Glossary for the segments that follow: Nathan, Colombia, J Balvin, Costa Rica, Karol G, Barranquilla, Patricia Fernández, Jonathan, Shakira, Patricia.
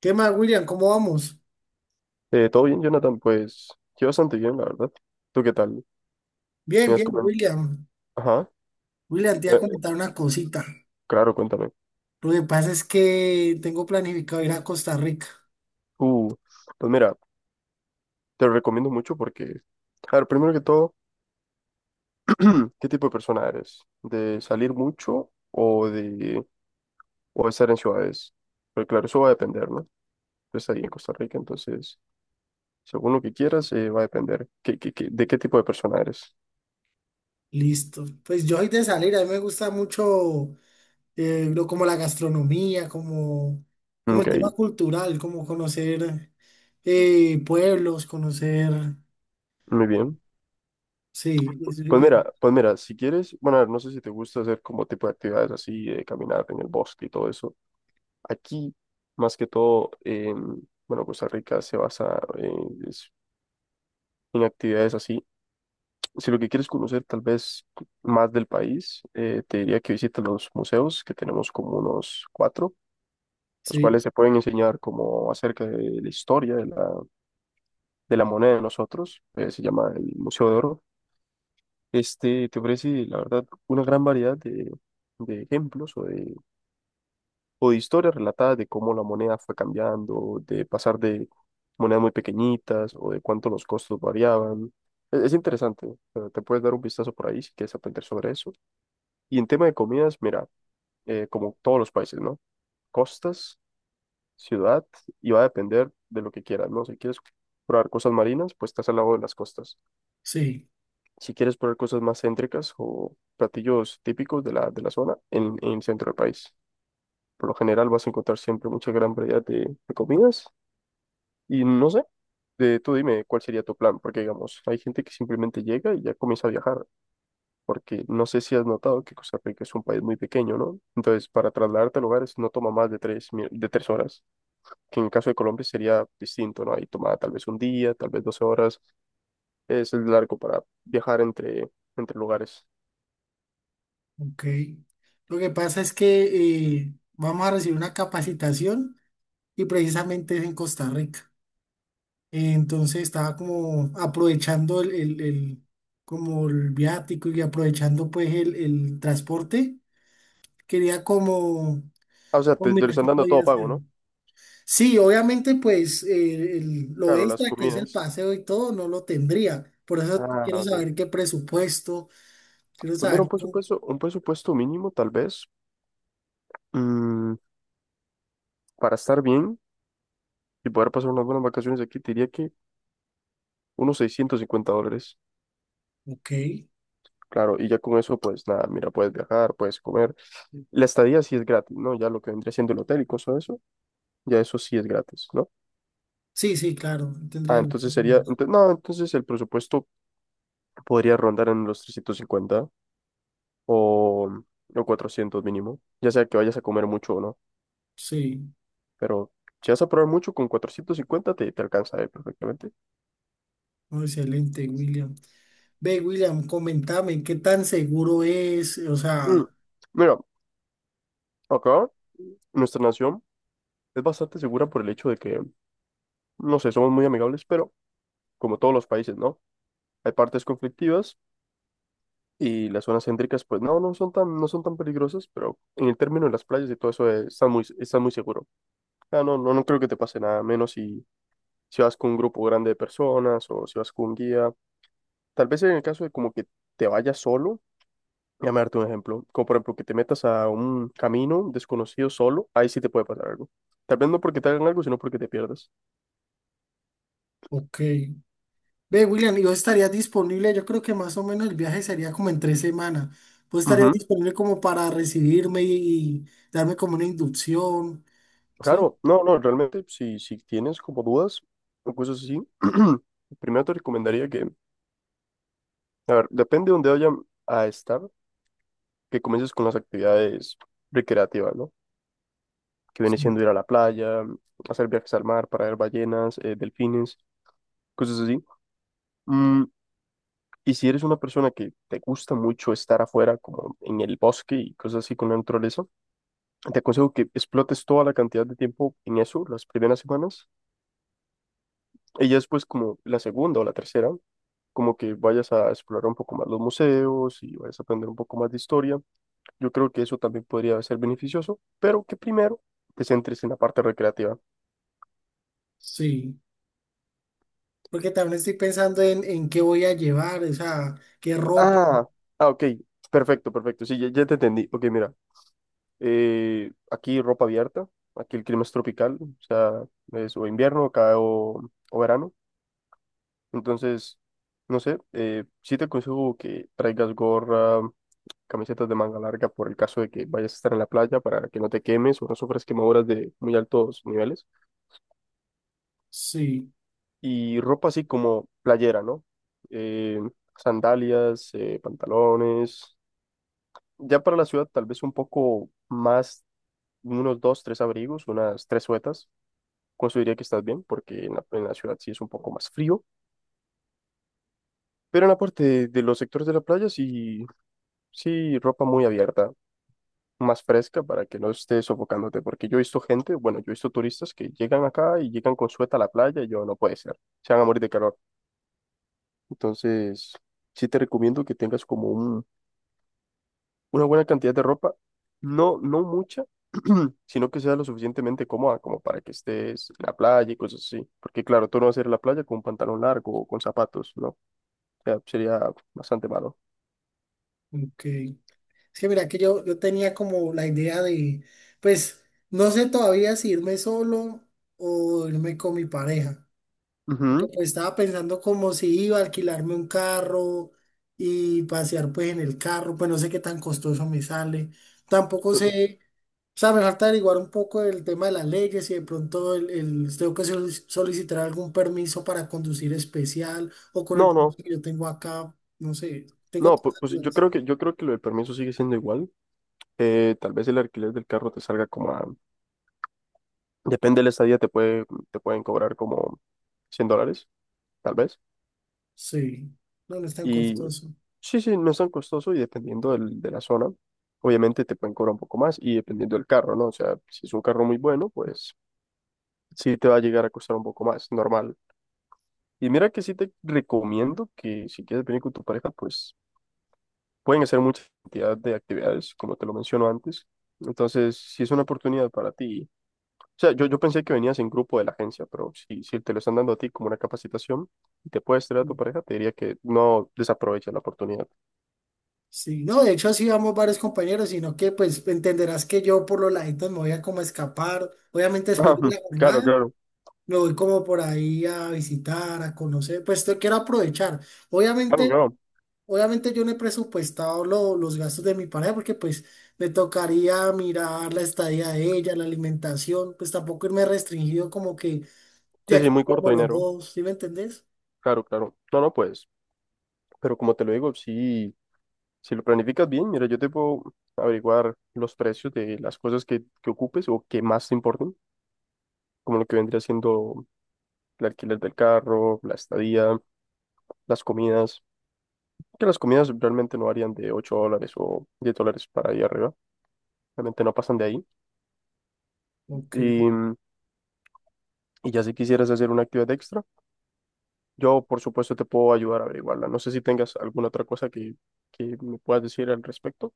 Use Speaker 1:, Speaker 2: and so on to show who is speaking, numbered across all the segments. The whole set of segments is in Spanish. Speaker 1: ¿Qué más, William? ¿Cómo vamos?
Speaker 2: ¿Todo bien, Jonathan? Pues yo bastante bien, la verdad. ¿Tú qué tal?
Speaker 1: Bien,
Speaker 2: ¿Me has
Speaker 1: bien,
Speaker 2: comen-
Speaker 1: William.
Speaker 2: Ajá.
Speaker 1: William, te iba
Speaker 2: Eh,
Speaker 1: a comentar una cosita.
Speaker 2: claro, cuéntame.
Speaker 1: Lo que pasa es que tengo planificado ir a Costa Rica.
Speaker 2: Uh, pues mira, te lo recomiendo mucho porque, a ver, primero que todo, ¿qué tipo de persona eres? ¿De salir mucho o de estar en ciudades? Pues claro, eso va a depender, ¿no? Estás ahí en Costa Rica, entonces, según lo que quieras, va a depender. ¿De qué tipo de persona eres?
Speaker 1: Listo. Pues yo soy de salir, a mí me gusta mucho lo, como la gastronomía, como, como
Speaker 2: Ok,
Speaker 1: el tema cultural, como conocer pueblos, conocer...
Speaker 2: muy bien.
Speaker 1: Sí, es- es-
Speaker 2: Pues mira, si quieres, bueno, a ver, no sé si te gusta hacer como tipo de actividades así, de caminar en el bosque y todo eso. Aquí, más que todo, bueno, Costa Rica se basa en actividades así. Si lo que quieres conocer tal vez más del país, te diría que visites los museos, que tenemos como unos cuatro, los
Speaker 1: sí,
Speaker 2: cuales te pueden enseñar como acerca de la historia de la moneda de nosotros. Se llama el Museo de Oro. Este te ofrece, la verdad, una gran variedad de ejemplos o de historias relatadas de cómo la moneda fue cambiando, de pasar de monedas muy pequeñitas o de cuánto los costos variaban. Es interesante, te puedes dar un vistazo por ahí si quieres aprender sobre eso. Y en tema de comidas, mira, como todos los países, ¿no? Costas, ciudad, y va a depender de lo que quieras, ¿no? Si quieres probar cosas marinas, pues estás al lado de las costas.
Speaker 1: sí,
Speaker 2: Si quieres probar cosas más céntricas o platillos típicos de la zona en el centro del país. Por lo general vas a encontrar siempre mucha gran variedad de comidas y no sé, tú dime cuál sería tu plan, porque digamos, hay gente que simplemente llega y ya comienza a viajar, porque no sé si has notado que Costa Rica es un país muy pequeño, ¿no? Entonces, para trasladarte a lugares no toma más de tres horas, que en el caso de Colombia sería distinto, ¿no? Ahí toma tal vez un día, tal vez 12 horas, es largo para viajar entre, entre lugares.
Speaker 1: ok. Lo que pasa es que vamos a recibir una capacitación y precisamente es en Costa Rica. Entonces estaba como aprovechando como el viático y aprovechando pues el transporte. Quería como,
Speaker 2: Ah, o sea,
Speaker 1: oh,
Speaker 2: te lo
Speaker 1: mira,
Speaker 2: están
Speaker 1: ¿qué
Speaker 2: dando
Speaker 1: podía
Speaker 2: todo pago,
Speaker 1: hacer?
Speaker 2: ¿no?
Speaker 1: Sí, obviamente pues lo
Speaker 2: Claro, las
Speaker 1: extra que es el
Speaker 2: comidas.
Speaker 1: paseo y todo no lo tendría. Por eso
Speaker 2: Ah,
Speaker 1: quiero
Speaker 2: ok.
Speaker 1: saber qué presupuesto, quiero
Speaker 2: Pues mira,
Speaker 1: saber cómo.
Speaker 2: un presupuesto mínimo, tal vez, mm, para estar bien y poder pasar unas buenas vacaciones aquí, te diría que unos $650.
Speaker 1: Ok.
Speaker 2: Claro, y ya con eso, pues nada, mira, puedes viajar, puedes comer. La estadía sí es gratis, ¿no? Ya lo que vendría siendo el hotel y cosas de eso, ya eso sí es gratis, ¿no?
Speaker 1: Sí, sí, claro,
Speaker 2: Ah,
Speaker 1: tendría.
Speaker 2: entonces no, entonces el presupuesto podría rondar en los 350 o, o 400 mínimo, ya sea que vayas a comer mucho o no.
Speaker 1: Sí,
Speaker 2: Pero si vas a probar mucho, con 450 te alcanza perfectamente.
Speaker 1: oh, excelente, William. Ve, William, comentame qué tan seguro es, o
Speaker 2: Mm,
Speaker 1: sea,
Speaker 2: Mira, acá nuestra nación es bastante segura por el hecho de que, no sé, somos muy amigables, pero como todos los países, ¿no? Hay partes conflictivas y las zonas céntricas, pues no, no son tan peligrosas, pero en el término de las playas y todo eso está muy seguro. Ah, no, no, no creo que te pase nada, menos si vas con un grupo grande de personas o si vas con un guía. Tal vez en el caso de como que te vayas solo, déjame darte un ejemplo. Como por ejemplo que te metas a un camino desconocido solo, ahí sí te puede pasar algo. Tal vez no porque te hagan algo, sino porque te pierdas.
Speaker 1: ok. Ve, William, ¿y vos estarías disponible? Yo creo que más o menos el viaje sería como en 3 semanas. ¿Vos estarías
Speaker 2: Ujú.
Speaker 1: disponible como para recibirme y darme como una inducción? ¿Sí?
Speaker 2: Claro, no, no, realmente si tienes como dudas o cosas así, primero te recomendaría que, a ver, depende de dónde vayan a estar, que comiences con las actividades recreativas, ¿no? Que viene
Speaker 1: Sí.
Speaker 2: siendo ir a la playa, hacer viajes al mar para ver ballenas, delfines, cosas así. Mm, Y si eres una persona que te gusta mucho estar afuera, como en el bosque y cosas así con la naturaleza, te aconsejo que explotes toda la cantidad de tiempo en eso, las primeras semanas, y ya después como la segunda o la tercera, como que vayas a explorar un poco más los museos y vayas a aprender un poco más de historia. Yo creo que eso también podría ser beneficioso, pero que primero te centres en la parte recreativa.
Speaker 1: Sí. Porque también estoy pensando en qué voy a llevar, o sea, qué ropa.
Speaker 2: Ah, ah, ok, perfecto, perfecto, sí, ya, ya te entendí. Ok, mira. Aquí ropa abierta, aquí el clima es tropical, o sea, es o invierno acá o verano. Entonces, no sé, sí te aconsejo que traigas gorra, camisetas de manga larga por el caso de que vayas a estar en la playa para que no te quemes o no sufras quemaduras de muy altos niveles.
Speaker 1: Sí,
Speaker 2: Y ropa así como playera, ¿no? Eh, Sandalias, pantalones. Ya para la ciudad tal vez un poco más, unos dos, tres abrigos, unas tres suetas. Consideraría que estás bien, porque en la, ciudad sí es un poco más frío, pero en la parte de los sectores de la playa sí, sí, ropa muy abierta, más fresca para que no estés sofocándote, porque yo he visto gente, bueno, yo he visto turistas que llegan acá y llegan con sueta a la playa y yo no puede ser, se van a morir de calor. Entonces, sí te recomiendo que tengas como un, una buena cantidad de ropa, no, no mucha, sino que sea lo suficientemente cómoda como para que estés en la playa y cosas así, porque claro, tú no vas a ir a la playa con un pantalón largo o con zapatos, ¿no? sea, sería bastante malo.
Speaker 1: ok. Es que mira que yo tenía como la idea de, pues, no sé todavía si irme solo o irme con mi pareja. Porque
Speaker 2: Ujú.
Speaker 1: pues estaba pensando como si iba a alquilarme un carro y pasear pues en el carro, pues no sé qué tan costoso me sale. Tampoco sé, o sea, me falta averiguar un poco el tema de las leyes y de pronto tengo que solicitar algún permiso para conducir especial o con el
Speaker 2: No,
Speaker 1: permiso
Speaker 2: no,
Speaker 1: que yo tengo acá, no sé, tengo
Speaker 2: no, pu-
Speaker 1: tantas
Speaker 2: pues, yo
Speaker 1: dudas.
Speaker 2: creo que yo creo que lo del permiso sigue siendo igual. Tal vez el alquiler del carro te salga como a, depende de la estadía, te pueden cobrar como $100, tal vez.
Speaker 1: Sí, no, no es tan
Speaker 2: Y
Speaker 1: costoso.
Speaker 2: sí, sí, no es tan costoso y dependiendo de la zona, obviamente te pueden cobrar un poco más y dependiendo del carro, ¿no? O sea, si es un carro muy bueno, pues sí te va a llegar a costar un poco más, normal. Y mira que sí te recomiendo que si quieres venir con tu pareja, pues pueden hacer mucha cantidad de actividades, como te lo menciono antes. Entonces, si es una oportunidad para ti, o sea, yo pensé que venías en grupo de la agencia, pero si te lo están dando a ti como una capacitación y te puedes traer a tu pareja, te diría que no desaproveches la oportunidad.
Speaker 1: Sí, no, de hecho así vamos varios compañeros, sino que pues entenderás que yo por los laditos me voy a como escapar. Obviamente después
Speaker 2: Ah,
Speaker 1: de la
Speaker 2: claro,
Speaker 1: jornada
Speaker 2: claro,
Speaker 1: me voy como por ahí a visitar, a conocer, pues te quiero aprovechar.
Speaker 2: claro,
Speaker 1: Obviamente,
Speaker 2: claro.
Speaker 1: obviamente yo no he presupuestado los gastos de mi pareja, porque pues me tocaría mirar la estadía de ella, la alimentación, pues tampoco irme restringido como que de
Speaker 2: Sí, sí,
Speaker 1: aquí
Speaker 2: muy corto
Speaker 1: como los
Speaker 2: dinero.
Speaker 1: dos, ¿sí me entendés?
Speaker 2: Claro, claro. No, no, pues, pero como te lo digo, si lo planificas bien, mira, yo te puedo averiguar los precios de las cosas que ocupes o que más te importen, como lo que vendría siendo el alquiler del carro, la estadía, las comidas, que las comidas realmente no varían de $8 o $10 para ahí arriba, realmente no pasan de ahí.
Speaker 1: Ok.
Speaker 2: Y, mm, y ya si quisieras hacer una actividad extra, yo por supuesto te puedo ayudar a averiguarla. No sé si tengas alguna otra cosa que me puedas decir al respecto.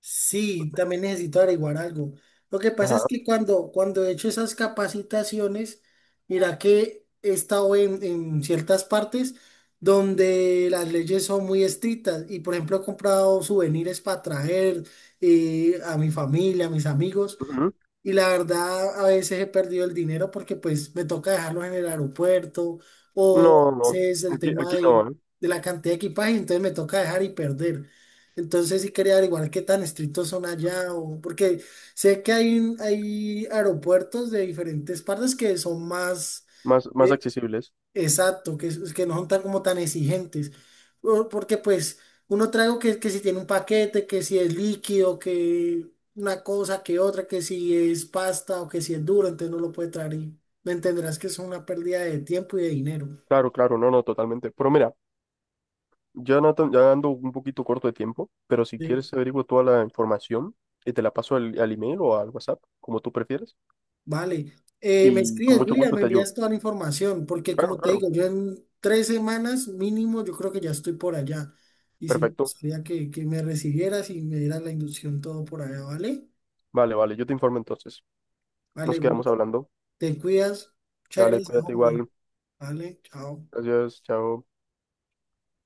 Speaker 1: Sí, también necesito averiguar algo. Lo que pasa es
Speaker 2: Ajá.
Speaker 1: que cuando he hecho esas capacitaciones, mira que he estado en ciertas partes donde las leyes son muy estrictas y por ejemplo he comprado souvenirs para traer a mi familia, a mis amigos.
Speaker 2: Ujú.
Speaker 1: Y la verdad, a veces he perdido el dinero porque pues me toca dejarlos en el aeropuerto o
Speaker 2: No, no,
Speaker 1: es el
Speaker 2: aquí,
Speaker 1: tema
Speaker 2: aquí no, ¿eh?
Speaker 1: de la cantidad de equipaje, entonces me toca dejar y perder. Entonces sí quería averiguar qué tan estrictos son allá, o, porque sé que hay, hay aeropuertos de diferentes partes que son más,
Speaker 2: Más, más
Speaker 1: eh,
Speaker 2: accesibles.
Speaker 1: exacto, que no son tan como tan exigentes. Porque pues uno trae algo que si tiene un paquete, que si es líquido, que una cosa, que otra, que si es pasta o que si es duro, entonces no lo puede traer y me entenderás que es una pérdida de tiempo y de dinero.
Speaker 2: Claro, claro, no, no, totalmente. Pero mira, ya, Nathan, ya ando un poquito corto de tiempo, pero si
Speaker 1: Sí.
Speaker 2: quieres averiguo toda la información y te la paso al email o al WhatsApp, como tú prefieres,
Speaker 1: Vale. Me
Speaker 2: y con
Speaker 1: escribes,
Speaker 2: mucho
Speaker 1: William,
Speaker 2: gusto
Speaker 1: me
Speaker 2: te ayudo.
Speaker 1: envías toda la información, porque
Speaker 2: Claro,
Speaker 1: como te
Speaker 2: claro.
Speaker 1: digo, yo en 3 semanas mínimo yo creo que ya estoy por allá. Y si
Speaker 2: Perfecto.
Speaker 1: me que me recibieras y me dieras la inducción todo por allá, ¿vale?
Speaker 2: Vale, vale, yo te informo entonces.
Speaker 1: Vale,
Speaker 2: Nos quedamos hablando.
Speaker 1: te cuidas. Muchas
Speaker 2: Dale,
Speaker 1: gracias,
Speaker 2: cuídate
Speaker 1: hombre.
Speaker 2: igual.
Speaker 1: Vale, chao.
Speaker 2: Gracias, chao.